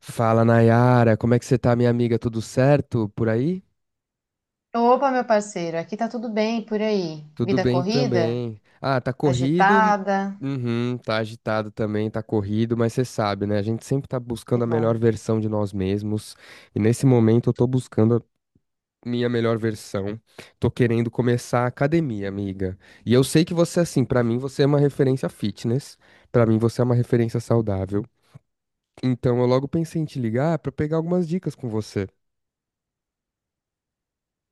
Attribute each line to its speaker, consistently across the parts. Speaker 1: Fala, Nayara, como é que você tá, minha amiga? Tudo certo por aí?
Speaker 2: Opa, meu parceiro, aqui tá tudo bem por aí?
Speaker 1: Tudo
Speaker 2: Vida
Speaker 1: bem
Speaker 2: corrida?
Speaker 1: também. Ah, tá corrido.
Speaker 2: Agitada?
Speaker 1: Uhum, tá agitado também, tá corrido, mas você sabe, né? A gente sempre tá
Speaker 2: Que
Speaker 1: buscando a melhor
Speaker 2: bom.
Speaker 1: versão de nós mesmos. E nesse momento eu tô buscando a minha melhor versão. Tô querendo começar a academia, amiga. E eu sei que você, assim, pra mim você é uma referência fitness. Pra mim você é uma referência saudável. Então eu logo pensei em te ligar pra pegar algumas dicas com você.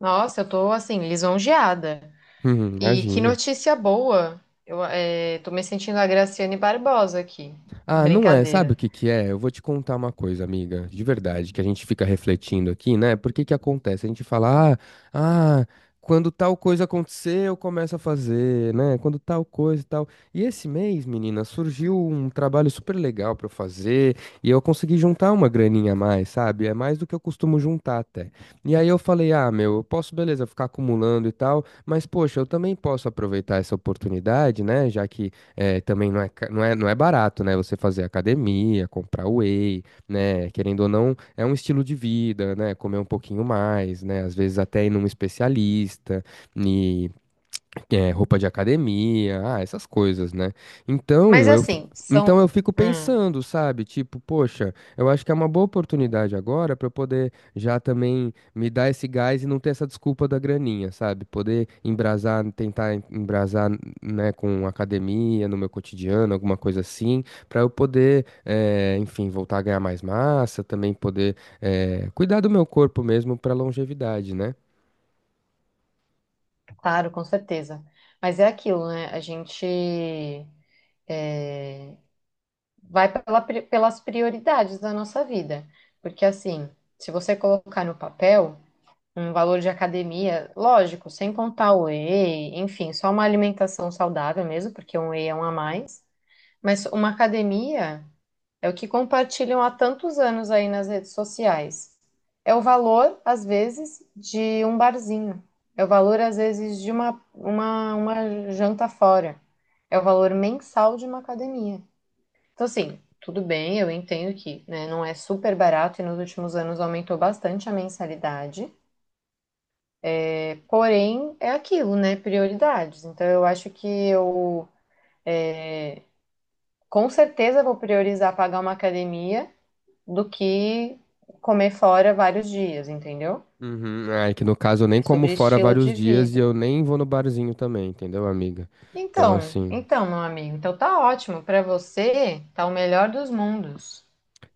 Speaker 2: Nossa, eu tô assim, lisonjeada. E que
Speaker 1: Imagina.
Speaker 2: notícia boa! Eu tô me sentindo a Graciane Barbosa aqui.
Speaker 1: Ah, não é. Sabe
Speaker 2: Brincadeira.
Speaker 1: o que que é? Eu vou te contar uma coisa, amiga, de verdade, que a gente fica refletindo aqui, né? Por que que acontece? A gente fala, ah, quando tal coisa acontecer, eu começo a fazer, né? Quando tal coisa e tal. E esse mês, menina, surgiu um trabalho super legal pra eu fazer e eu consegui juntar uma graninha a mais, sabe? É mais do que eu costumo juntar até. E aí eu falei, ah, meu, eu posso, beleza, ficar acumulando e tal, mas poxa, eu também posso aproveitar essa oportunidade, né? Já que também não é barato, né? Você fazer academia, comprar whey, né? Querendo ou não, é um estilo de vida, né? Comer um pouquinho mais, né? Às vezes até ir num especialista e roupa de academia, ah, essas coisas, né?
Speaker 2: Mas
Speaker 1: Então eu, f-
Speaker 2: assim,
Speaker 1: então
Speaker 2: são.
Speaker 1: eu fico
Speaker 2: Hum,
Speaker 1: pensando, sabe? Tipo, poxa, eu acho que é uma boa oportunidade agora para eu poder já também me dar esse gás e não ter essa desculpa da graninha, sabe? Poder embrasar, tentar embrasar, né, com academia no meu cotidiano, alguma coisa assim, para eu poder, enfim, voltar a ganhar mais massa, também poder, cuidar do meu corpo mesmo para longevidade, né?
Speaker 2: claro, com certeza. Mas é aquilo, né? A gente eh, vai pelas prioridades da nossa vida. Porque assim, se você colocar no papel, um valor de academia, lógico, sem contar o whey, enfim, só uma alimentação saudável mesmo, porque um whey é um a mais, mas uma academia é o que compartilham há tantos anos aí nas redes sociais. É o valor, às vezes, de um barzinho. É o valor, às vezes, de uma, uma janta fora. É o valor mensal de uma academia. Então, assim, tudo bem, eu entendo que, né, não é super barato e nos últimos anos aumentou bastante a mensalidade. Porém, é aquilo, né? Prioridades. Então, eu acho que é, com certeza vou priorizar pagar uma academia do que comer fora vários dias, entendeu?
Speaker 1: Uhum. Ah, é que no caso eu nem
Speaker 2: É
Speaker 1: como
Speaker 2: sobre
Speaker 1: fora
Speaker 2: estilo
Speaker 1: vários
Speaker 2: de
Speaker 1: dias e
Speaker 2: vida.
Speaker 1: eu nem vou no barzinho também, entendeu, amiga? Então,
Speaker 2: Então,
Speaker 1: assim.
Speaker 2: então, meu amigo, então tá ótimo. Pra você, tá o melhor dos mundos.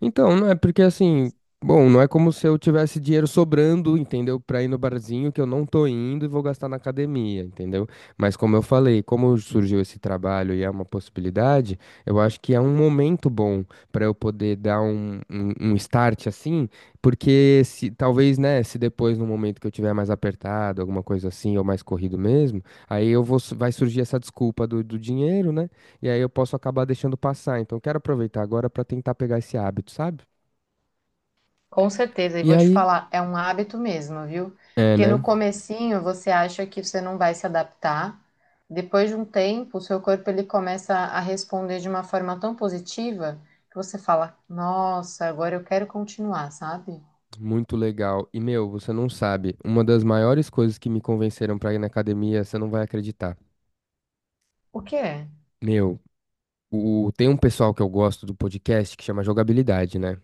Speaker 1: Então, não é porque assim, bom, não é como se eu tivesse dinheiro sobrando, entendeu? Pra ir no barzinho que eu não tô indo e vou gastar na academia, entendeu? Mas como eu falei, como surgiu esse trabalho e é uma possibilidade, eu acho que é um momento bom pra eu poder dar um start assim, porque se talvez, né, se depois no momento que eu tiver mais apertado, alguma coisa assim, ou mais corrido mesmo, aí vai surgir essa desculpa do dinheiro, né? E aí eu posso acabar deixando passar. Então, quero aproveitar agora para tentar pegar esse hábito, sabe?
Speaker 2: Com certeza, e
Speaker 1: E
Speaker 2: vou te
Speaker 1: aí,
Speaker 2: falar, é um hábito mesmo, viu?
Speaker 1: é,
Speaker 2: Porque no
Speaker 1: né?
Speaker 2: comecinho você acha que você não vai se adaptar, depois de um tempo, o seu corpo ele começa a responder de uma forma tão positiva que você fala: "Nossa, agora eu quero continuar", sabe?
Speaker 1: Muito legal. E, meu, você não sabe, uma das maiores coisas que me convenceram pra ir na academia, você não vai acreditar.
Speaker 2: O quê?
Speaker 1: Meu, tem um pessoal que eu gosto do podcast que chama Jogabilidade, né?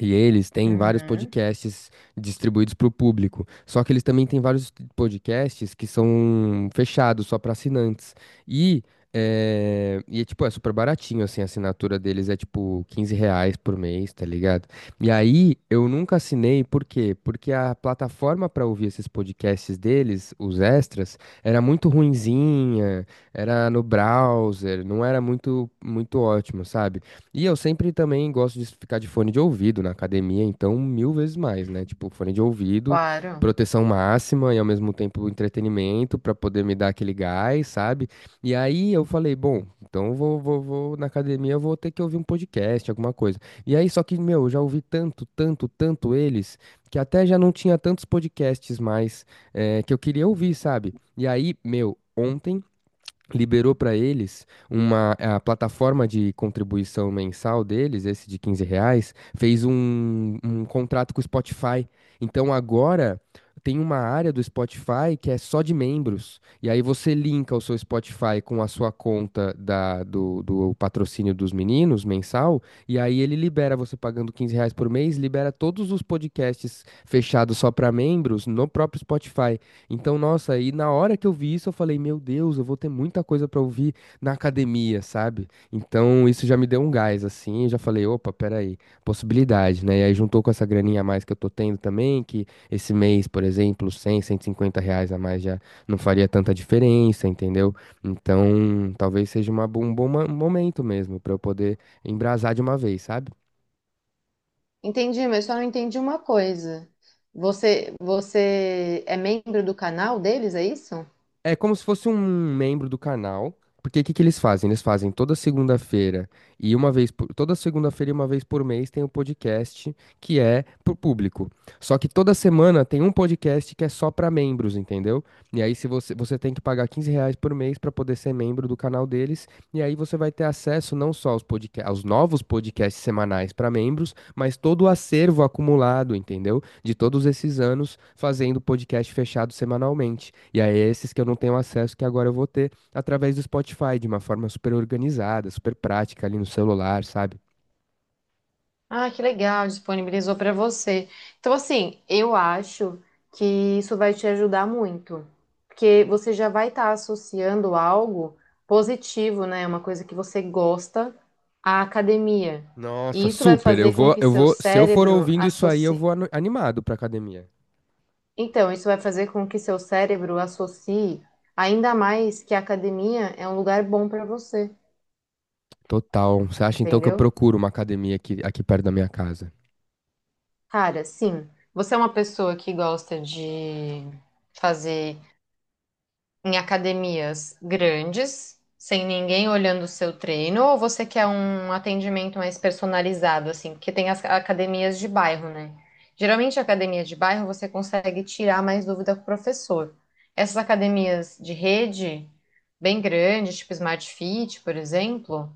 Speaker 1: E eles têm vários
Speaker 2: Uhum,
Speaker 1: podcasts distribuídos para o público. Só que eles também têm vários podcasts que são fechados só para assinantes. E, tipo, é super baratinho, assim, a assinatura deles é tipo R$ 15 por mês, tá ligado? E aí eu nunca assinei, por quê? Porque a plataforma para ouvir esses podcasts deles, os extras, era muito ruinzinha, era no browser, não era muito, muito ótimo, sabe? E eu sempre também gosto de ficar de fone de ouvido na academia, então mil vezes mais, né? Tipo, fone de ouvido,
Speaker 2: claro.
Speaker 1: proteção máxima e ao mesmo tempo entretenimento pra poder me dar aquele gás, sabe? E aí eu falei, bom, então eu vou na academia, eu vou ter que ouvir um podcast, alguma coisa. E aí, só que, meu, eu já ouvi tanto, tanto, tanto eles, que até já não tinha tantos podcasts mais que eu queria ouvir, sabe? E aí, meu. Ontem liberou para eles uma a plataforma de contribuição mensal deles, esse de R$ 15, fez um contrato com o Spotify. Então agora tem uma área do Spotify que é só de membros. E aí você linka o seu Spotify com a sua conta do patrocínio dos meninos mensal, e aí ele libera você pagando R$ 15 por mês, libera todos os podcasts fechados só para membros no próprio Spotify. Então, nossa, aí na hora que eu vi isso, eu falei, meu Deus, eu vou ter muita coisa pra ouvir na academia, sabe? Então, isso já me deu um gás, assim, eu já falei, opa, peraí, possibilidade, né? E aí juntou com essa graninha a mais que eu tô tendo também, que esse mês, por exemplo, cem R$ 150 a mais já não faria tanta diferença, entendeu? Então, talvez seja um bom momento mesmo pra eu poder embrasar de uma vez, sabe?
Speaker 2: Entendi, mas só não entendi uma coisa. Você é membro do canal deles, é isso?
Speaker 1: É como se fosse um membro do canal, porque o que que eles fazem? Eles fazem toda segunda-feira e uma vez por mês tem um podcast que é pro público. Só que toda semana tem um podcast que é só para membros, entendeu? E aí se você, você tem que pagar R$ 15 por mês para poder ser membro do canal deles, e aí você vai ter acesso não só aos novos podcasts semanais para membros, mas todo o acervo acumulado, entendeu? De todos esses anos fazendo podcast fechado semanalmente. E aí, é esses que eu não tenho acesso, que agora eu vou ter através do Spotify, de uma forma super organizada, super prática ali no celular, sabe?
Speaker 2: Ah, que legal, disponibilizou para você. Então, assim, eu acho que isso vai te ajudar muito, porque você já vai estar associando algo positivo, né? Uma coisa que você gosta à academia.
Speaker 1: Nossa,
Speaker 2: E isso vai
Speaker 1: super.
Speaker 2: fazer com que seu
Speaker 1: Se eu for
Speaker 2: cérebro
Speaker 1: ouvindo isso aí, eu vou
Speaker 2: associe.
Speaker 1: animado pra academia.
Speaker 2: Então, isso vai fazer com que seu cérebro associe ainda mais que a academia é um lugar bom para você,
Speaker 1: Total. Você acha então que eu
Speaker 2: entendeu?
Speaker 1: procuro uma academia aqui perto da minha casa?
Speaker 2: Cara, sim, você é uma pessoa que gosta de fazer em academias grandes, sem ninguém olhando o seu treino, ou você quer um atendimento mais personalizado, assim? Porque tem as academias de bairro, né? Geralmente, a academia de bairro você consegue tirar mais dúvida com o professor. Essas academias de rede, bem grandes, tipo Smart Fit, por exemplo,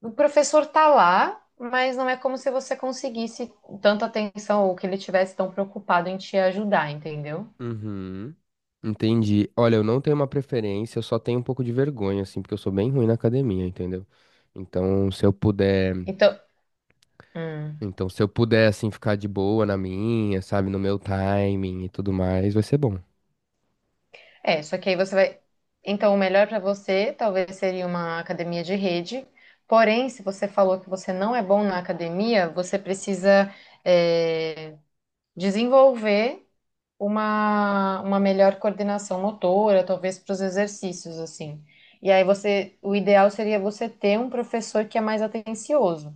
Speaker 2: o professor tá lá, mas não é como se você conseguisse tanta atenção ou que ele tivesse tão preocupado em te ajudar, entendeu?
Speaker 1: Uhum. Entendi. Olha, eu não tenho uma preferência, eu só tenho um pouco de vergonha, assim, porque eu sou bem ruim na academia, entendeu? Então, se eu puder.
Speaker 2: Então, hum.
Speaker 1: Então, se eu puder, assim, ficar de boa na minha, sabe, no meu timing e tudo mais, vai ser bom.
Speaker 2: É, só que aí você vai. Então, o melhor para você talvez seria uma academia de rede. Porém, se você falou que você não é bom na academia, você precisa, é, desenvolver uma melhor coordenação motora, talvez para os exercícios, assim. E aí você, o ideal seria você ter um professor que é mais atencioso.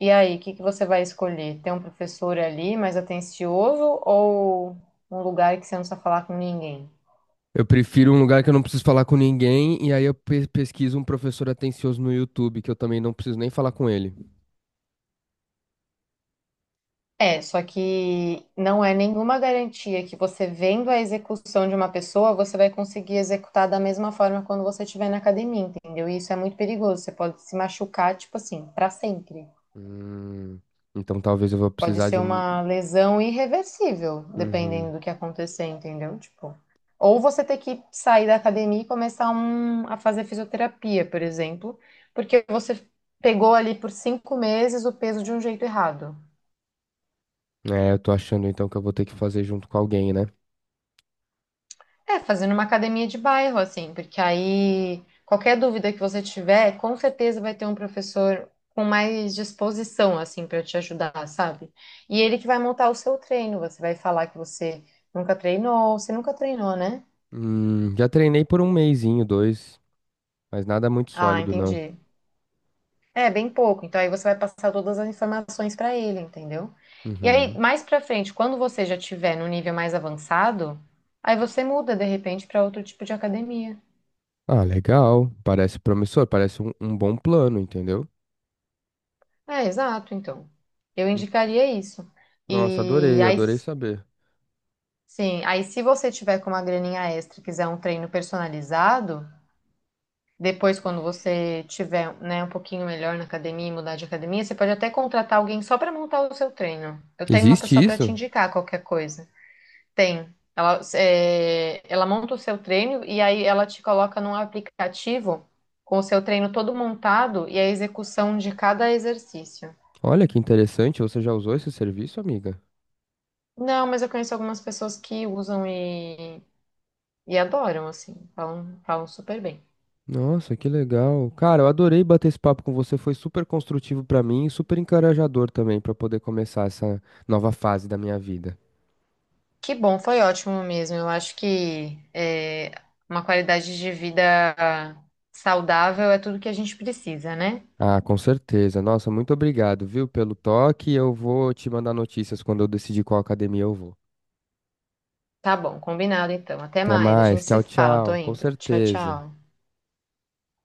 Speaker 2: E aí, o que que você vai escolher? Ter um professor ali mais atencioso ou um lugar que você não precisa falar com ninguém?
Speaker 1: Eu prefiro um lugar que eu não preciso falar com ninguém, e aí eu pesquiso um professor atencioso no YouTube, que eu também não preciso nem falar com ele.
Speaker 2: É, só que não é nenhuma garantia que você vendo a execução de uma pessoa, você vai conseguir executar da mesma forma quando você estiver na academia, entendeu? E isso é muito perigoso. Você pode se machucar, tipo assim, pra sempre.
Speaker 1: Hum, então talvez eu vou
Speaker 2: Pode
Speaker 1: precisar
Speaker 2: ser
Speaker 1: de um.
Speaker 2: uma lesão irreversível, dependendo
Speaker 1: Uhum.
Speaker 2: do que acontecer, entendeu? Tipo, ou você ter que sair da academia e a fazer fisioterapia, por exemplo, porque você pegou ali por 5 meses o peso de um jeito errado.
Speaker 1: É, eu tô achando então que eu vou ter que fazer junto com alguém, né?
Speaker 2: É, fazendo uma academia de bairro, assim, porque aí qualquer dúvida que você tiver, com certeza vai ter um professor com mais disposição, assim, para te ajudar, sabe? E ele que vai montar o seu treino. Você vai falar que você nunca treinou, né?
Speaker 1: Já treinei por um mesinho, dois, mas nada muito
Speaker 2: Ah,
Speaker 1: sólido, não.
Speaker 2: entendi. É, bem pouco. Então aí você vai passar todas as informações para ele, entendeu? E aí,
Speaker 1: Uhum.
Speaker 2: mais para frente, quando você já tiver no nível mais avançado, aí você muda de repente para outro tipo de academia.
Speaker 1: Ah, legal. Parece promissor, parece um bom plano, entendeu?
Speaker 2: É, exato, então. Eu
Speaker 1: Hum.
Speaker 2: indicaria isso.
Speaker 1: Nossa,
Speaker 2: E
Speaker 1: adorei,
Speaker 2: aí,
Speaker 1: adorei saber.
Speaker 2: sim, aí se você tiver com uma graninha extra, e quiser um treino personalizado, depois quando você tiver, né, um pouquinho melhor na academia, e mudar de academia, você pode até contratar alguém só para montar o seu treino. Eu tenho uma
Speaker 1: Existe
Speaker 2: pessoa para te
Speaker 1: isso?
Speaker 2: indicar qualquer coisa. Tem. Ela monta o seu treino e aí ela te coloca num aplicativo com o seu treino todo montado e a execução de cada exercício.
Speaker 1: Olha que interessante, você já usou esse serviço, amiga?
Speaker 2: Não, mas eu conheço algumas pessoas que usam e adoram, assim, falam super bem.
Speaker 1: Nossa, que legal. Cara, eu adorei bater esse papo com você, foi super construtivo pra mim e super encorajador também pra poder começar essa nova fase da minha vida.
Speaker 2: Que bom, foi ótimo mesmo. Eu acho que uma qualidade de vida saudável é tudo que a gente precisa, né?
Speaker 1: Ah, com certeza. Nossa, muito obrigado, viu, pelo toque. Eu vou te mandar notícias quando eu decidir qual academia eu vou.
Speaker 2: Tá bom, combinado então. Até
Speaker 1: Até
Speaker 2: mais, a
Speaker 1: mais.
Speaker 2: gente se
Speaker 1: Tchau,
Speaker 2: fala, tô
Speaker 1: tchau. Com
Speaker 2: indo. Tchau,
Speaker 1: certeza.
Speaker 2: tchau.